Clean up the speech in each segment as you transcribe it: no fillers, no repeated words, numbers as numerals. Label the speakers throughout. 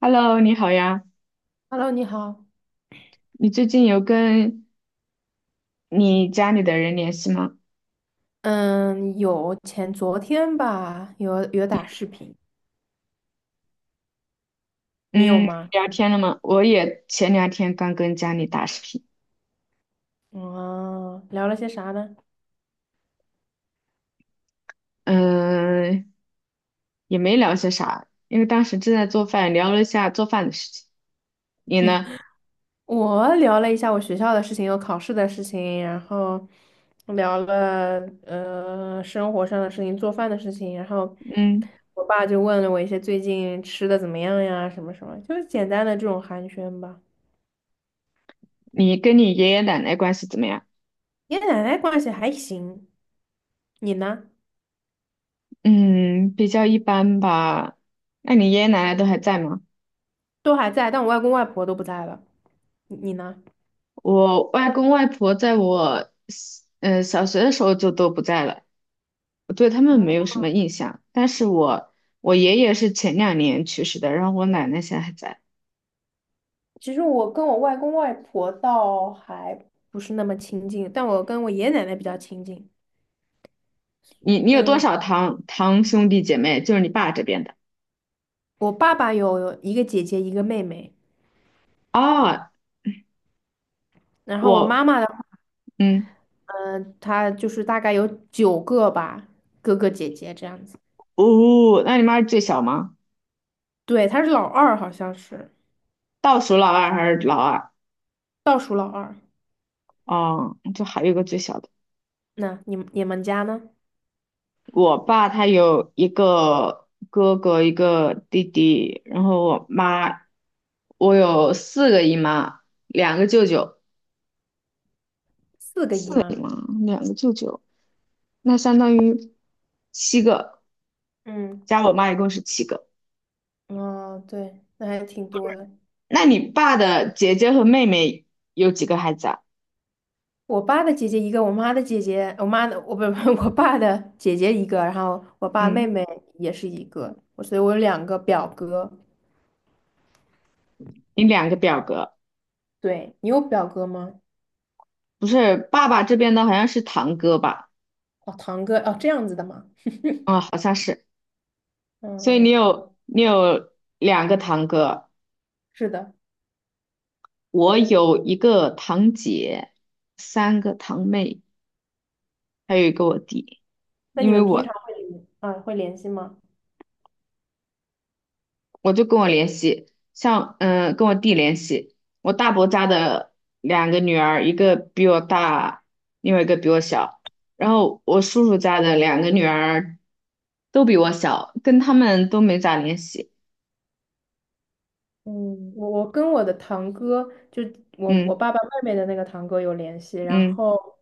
Speaker 1: Hello，你好呀，
Speaker 2: Hello，你好。
Speaker 1: 你最近有跟你家里的人联系吗？
Speaker 2: 嗯，有前昨天吧，有打视频，你有
Speaker 1: 嗯，
Speaker 2: 吗？
Speaker 1: 聊天了吗？我也前两天刚跟家里打视频，
Speaker 2: 嗯，聊了些啥呢？
Speaker 1: 嗯、也没聊些啥，因为当时正在做饭，聊了一下做饭的事情。你呢？
Speaker 2: 我聊了一下我学校的事情，有考试的事情，然后聊了生活上的事情，做饭的事情，然后
Speaker 1: 嗯，
Speaker 2: 我爸就问了我一些最近吃的怎么样呀，什么什么，就是简单的这种寒暄吧。
Speaker 1: 你跟你爷爷奶奶关系怎么样？
Speaker 2: 爷爷奶奶关系还行，你呢？
Speaker 1: 嗯，比较一般吧。那你爷爷奶奶都还在吗？
Speaker 2: 都还在，但我外公外婆都不在了，你呢？
Speaker 1: 我外公外婆在我，小学的时候就都不在了。我对他们没有什么印象，但是我爷爷是前两年去世的，然后我奶奶现在还在。
Speaker 2: 其实我跟我外公外婆倒还不是那么亲近，但我跟我爷爷奶奶比较亲近。
Speaker 1: 你有多
Speaker 2: 嗯，
Speaker 1: 少堂兄弟姐妹？就是你爸这边的
Speaker 2: 我爸爸有一个姐姐，一个妹妹，
Speaker 1: 啊？
Speaker 2: 然后我妈
Speaker 1: 我
Speaker 2: 妈的话
Speaker 1: 嗯
Speaker 2: 呢，她就是大概有九个吧，哥哥姐姐这样子。
Speaker 1: 哦，那你妈是最小吗？
Speaker 2: 对，她是老二，好像是
Speaker 1: 倒数老二还是老二？
Speaker 2: 倒数老二。
Speaker 1: 哦，就还有一个最小的。
Speaker 2: 那你们家呢？
Speaker 1: 我爸他有一个哥哥，一个弟弟，然后我妈，我有四个姨妈，两个舅舅，
Speaker 2: 四个
Speaker 1: 四
Speaker 2: 姨
Speaker 1: 个姨
Speaker 2: 妈。
Speaker 1: 妈，两个舅舅。那相当于七个，
Speaker 2: 嗯，
Speaker 1: 加我妈一共是七个。
Speaker 2: 哦，对，那还挺多的。
Speaker 1: 那你爸的姐姐和妹妹有几个孩子啊？
Speaker 2: 我爸的姐姐一个，我妈的姐姐，我妈的，我不不，我爸的姐姐一个，然后我爸妹
Speaker 1: 嗯，
Speaker 2: 妹也是一个，我所以我有两个表哥。
Speaker 1: 你两个表哥，
Speaker 2: 对，你有表哥吗？
Speaker 1: 不是爸爸这边的好像是堂哥吧？
Speaker 2: 哦，堂哥，哦，这样子的吗？
Speaker 1: 啊、好像是。所以你
Speaker 2: 嗯，
Speaker 1: 有你有两个堂哥，
Speaker 2: 是的。
Speaker 1: 我有一个堂姐，三个堂妹，还有一个我弟。
Speaker 2: 那
Speaker 1: 因
Speaker 2: 你
Speaker 1: 为
Speaker 2: 们平
Speaker 1: 我
Speaker 2: 常会联系吗？
Speaker 1: 我就跟我联系，像跟我弟联系，我大伯家的两个女儿，一个比我大，另外一个比我小，然后我叔叔家的两个女儿都比我小，跟他们都没咋联系。
Speaker 2: 嗯，我跟我的堂哥，就我
Speaker 1: 嗯
Speaker 2: 爸爸妹妹的那个堂哥有联系，然
Speaker 1: 嗯，
Speaker 2: 后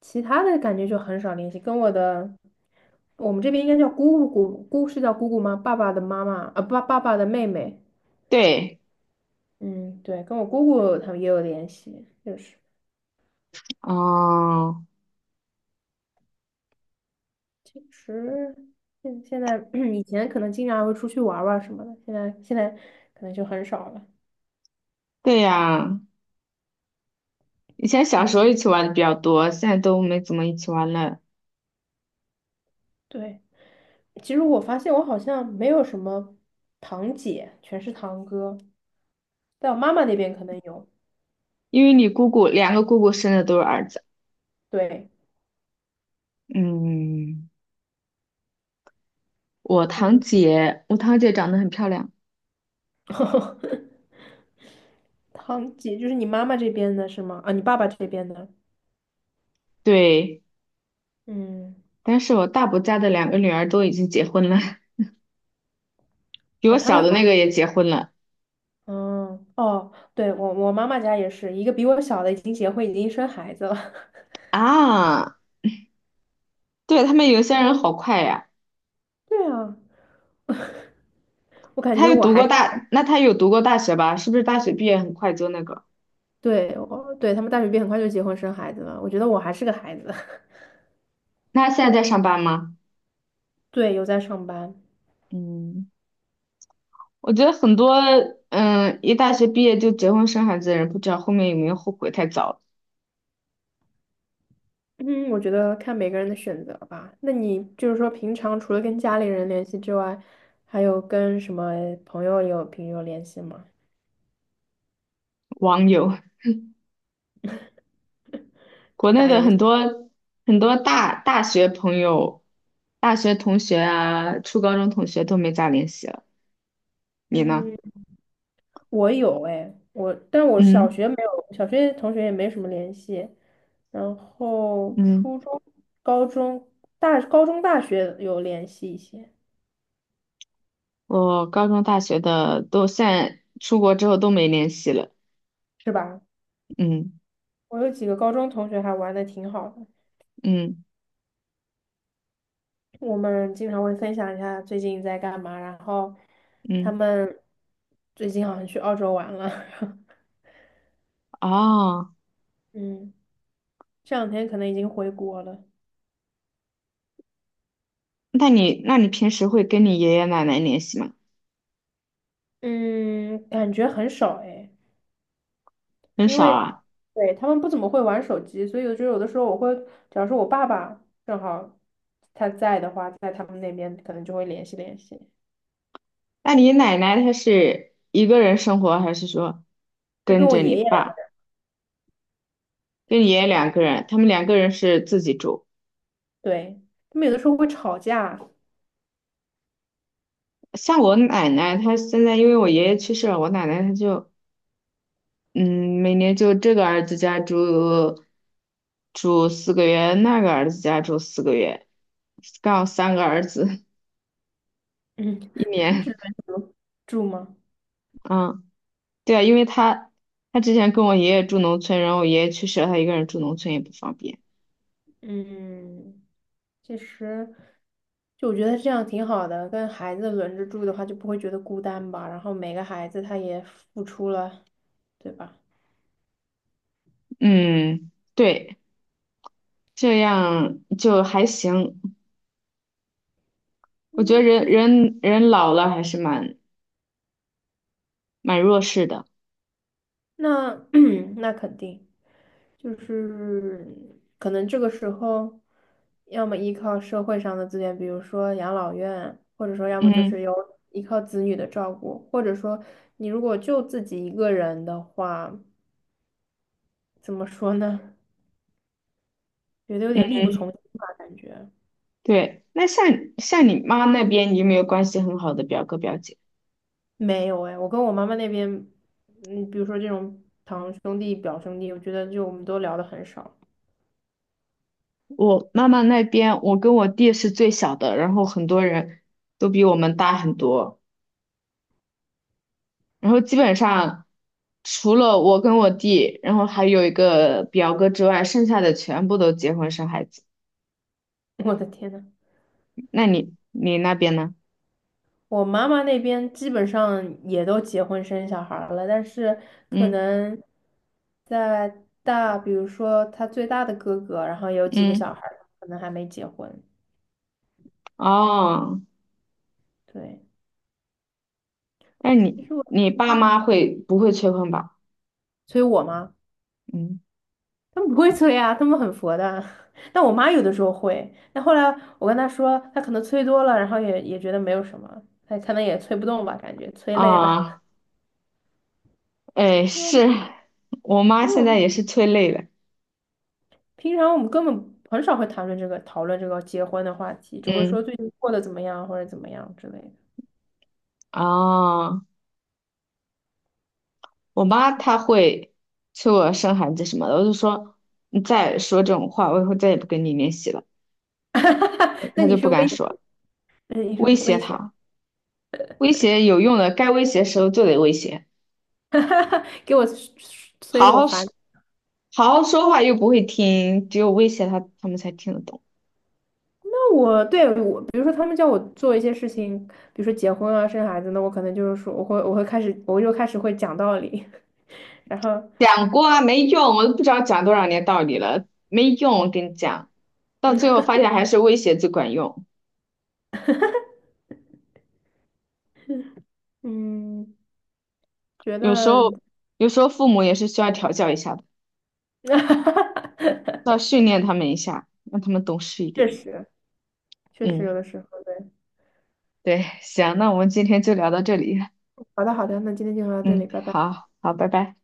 Speaker 2: 其他的感觉就很少联系。跟我的我们这边应该叫姑姑，姑是叫姑姑吗？爸爸的妈妈啊，爸爸的妹妹。
Speaker 1: 对，
Speaker 2: 嗯，对，跟我姑姑他们也有联系，就是，
Speaker 1: 哦，
Speaker 2: 其实现在 以前可能经常会出去玩儿玩儿什么的，现在可能就很少了。
Speaker 1: 对呀，以前小时候一起玩的比较多，现在都没怎么一起玩了，
Speaker 2: 对，其实我发现我好像没有什么堂姐，全是堂哥，在我妈妈那边可能有。
Speaker 1: 因为你姑姑两个姑姑生的都是儿子。
Speaker 2: 对，
Speaker 1: 嗯，
Speaker 2: 嗯，
Speaker 1: 我堂姐长得很漂亮，
Speaker 2: 堂姐就是你妈妈这边的是吗？啊，你爸爸这边的。
Speaker 1: 对。
Speaker 2: 嗯，
Speaker 1: 但是我大伯家的两个女儿都已经结婚了，比我
Speaker 2: 哦，他
Speaker 1: 小
Speaker 2: 们
Speaker 1: 的那个也结婚了
Speaker 2: 嗯，哦，对，我我妈妈家也是一个比我小的已经结婚，已经生孩子了。
Speaker 1: 啊。对，他们有些人好快呀，
Speaker 2: 对啊，我感
Speaker 1: 他
Speaker 2: 觉
Speaker 1: 有
Speaker 2: 我
Speaker 1: 读
Speaker 2: 还
Speaker 1: 过
Speaker 2: 是
Speaker 1: 大，那他有读过大学吧？是不是大学毕业很快就那个？
Speaker 2: 对，我对他们大学毕业很快就结婚生孩子了，我觉得我还是个孩子。
Speaker 1: 那他现在在上班吗？
Speaker 2: 对，有在上班。
Speaker 1: 嗯，我觉得很多一大学毕业就结婚生孩子的人，不知道后面有没有后悔太早了。
Speaker 2: 嗯，我觉得看每个人的选择吧。那你就是说，平常除了跟家里人联系之外，还有跟什么朋友有平时有联系吗？
Speaker 1: 网友，国内的很多很多大学朋友、大学同学啊、初高中同学都没咋联系了。你呢？
Speaker 2: 嗯。我有哎，我，但我小
Speaker 1: 嗯
Speaker 2: 学没有，小学同学也没什么联系。然后
Speaker 1: 嗯。
Speaker 2: 初中、高中、大高中、大学有联系一些，
Speaker 1: 我高中、大学的都现在出国之后都没联系了。
Speaker 2: 是吧？
Speaker 1: 嗯
Speaker 2: 我有几个高中同学还玩的挺好的，
Speaker 1: 嗯
Speaker 2: 我们经常会分享一下最近在干嘛，然后他
Speaker 1: 嗯，
Speaker 2: 们最近好像去澳洲玩了，
Speaker 1: 哦，
Speaker 2: 嗯，这两天可能已经回国了，
Speaker 1: 那你平时会跟你爷爷奶奶联系吗？
Speaker 2: 嗯，感觉很少哎。
Speaker 1: 很
Speaker 2: 因
Speaker 1: 少
Speaker 2: 为
Speaker 1: 啊。
Speaker 2: 对他们不怎么会玩手机，所以我觉得有的时候我会，假如说我爸爸正好他在的话，在他们那边可能就会联系联系。
Speaker 1: 那你奶奶她是一个人生活，还是说
Speaker 2: 他
Speaker 1: 跟
Speaker 2: 跟我
Speaker 1: 着你
Speaker 2: 爷爷两个，
Speaker 1: 爸，跟你爷爷两个人？他们两个人是自己住。
Speaker 2: 对，他们有的时候会吵架，
Speaker 1: 像我奶奶，她现在因为我爷爷去世了，我奶奶她就嗯，每年就这个儿子家住四个月，那个儿子家住四个月，刚好三个儿子
Speaker 2: 嗯
Speaker 1: 一
Speaker 2: 是
Speaker 1: 年。
Speaker 2: 轮流住吗？
Speaker 1: 嗯，对啊，因为他之前跟我爷爷住农村，然后我爷爷去世了，他一个人住农村也不方便。
Speaker 2: 嗯，其实，就我觉得这样挺好的，跟孩子轮着住的话，就不会觉得孤单吧。然后每个孩子他也付出了，对吧？
Speaker 1: 嗯，对，这样就还行。我觉得人老了还是蛮弱势的。
Speaker 2: 那 那肯定就是可能这个时候，要么依靠社会上的资源，比如说养老院，或者说要么就是
Speaker 1: 嗯，
Speaker 2: 有依靠子女的照顾，或者说你如果就自己一个人的话，怎么说呢？觉得有点力不从心吧，感觉
Speaker 1: 对。那像你妈那边，你有没有关系很好的表哥表姐？
Speaker 2: 没有哎，我跟我妈妈那边，嗯，比如说这种堂兄弟、表兄弟，我觉得就我们都聊得很少。
Speaker 1: 我妈妈那边，我跟我弟是最小的，然后很多人都比我们大很多，然后基本上除了我跟我弟，然后还有一个表哥之外，剩下的全部都结婚生孩子。
Speaker 2: 我的天呐！
Speaker 1: 那你那边呢？
Speaker 2: 我妈妈那边基本上也都结婚生小孩儿了，但是可
Speaker 1: 嗯
Speaker 2: 能在大，比如说她最大的哥哥，然后有几个
Speaker 1: 嗯，
Speaker 2: 小孩儿可能还没结婚。
Speaker 1: 哦，
Speaker 2: 对，
Speaker 1: 那
Speaker 2: 其
Speaker 1: 你
Speaker 2: 实我
Speaker 1: 你爸妈会不会催婚吧？
Speaker 2: 催我妈，
Speaker 1: 嗯
Speaker 2: 他们不会催啊，他们很佛的。但我妈有的时候会，但后来我跟她说，她可能催多了，然后也觉得没有什么，她可能也催不动吧，感觉催累了。
Speaker 1: 啊，哎，
Speaker 2: 因为我
Speaker 1: 是我妈
Speaker 2: 因为
Speaker 1: 现
Speaker 2: 我
Speaker 1: 在
Speaker 2: 们。
Speaker 1: 也是催累了。
Speaker 2: 平常我们根本很少会谈论这个讨论这个结婚的话题，只会说
Speaker 1: 嗯，
Speaker 2: 最近过得怎么样或者怎么样之类的。
Speaker 1: 哦。我妈她会催我生孩子什么的，我就说你再说这种话，我以后再也不跟你联系了。
Speaker 2: 那
Speaker 1: 她
Speaker 2: 你
Speaker 1: 就不
Speaker 2: 是
Speaker 1: 敢
Speaker 2: 威胁，
Speaker 1: 说，
Speaker 2: 那你是
Speaker 1: 威胁
Speaker 2: 威胁，
Speaker 1: 她，威胁有用的，该威胁的时候就得威胁，
Speaker 2: 给我催
Speaker 1: 好
Speaker 2: 的我
Speaker 1: 好
Speaker 2: 烦。
Speaker 1: 说，好好说话又不会听，只有威胁她，他们才听得懂。
Speaker 2: 那我对我，比如说他们叫我做一些事情，比如说结婚啊、生孩子，那我可能就是说我会开始，我就开始会讲道理，然后
Speaker 1: 讲过啊，没用，我都不知道讲多少年道理了，没用，我跟你讲，到最后发现还是威胁最管用。
Speaker 2: 嗯，觉
Speaker 1: 有时
Speaker 2: 得
Speaker 1: 候，有时候父母也是需要调教一下的，要 训练他们一下，让他们懂事一
Speaker 2: 确
Speaker 1: 点。
Speaker 2: 实确实有
Speaker 1: 嗯。
Speaker 2: 的时候对。
Speaker 1: 对，行，那我们今天就聊到这里。
Speaker 2: 好的好的，那今天就聊到这
Speaker 1: 嗯，
Speaker 2: 里，拜拜。
Speaker 1: 好好，拜拜。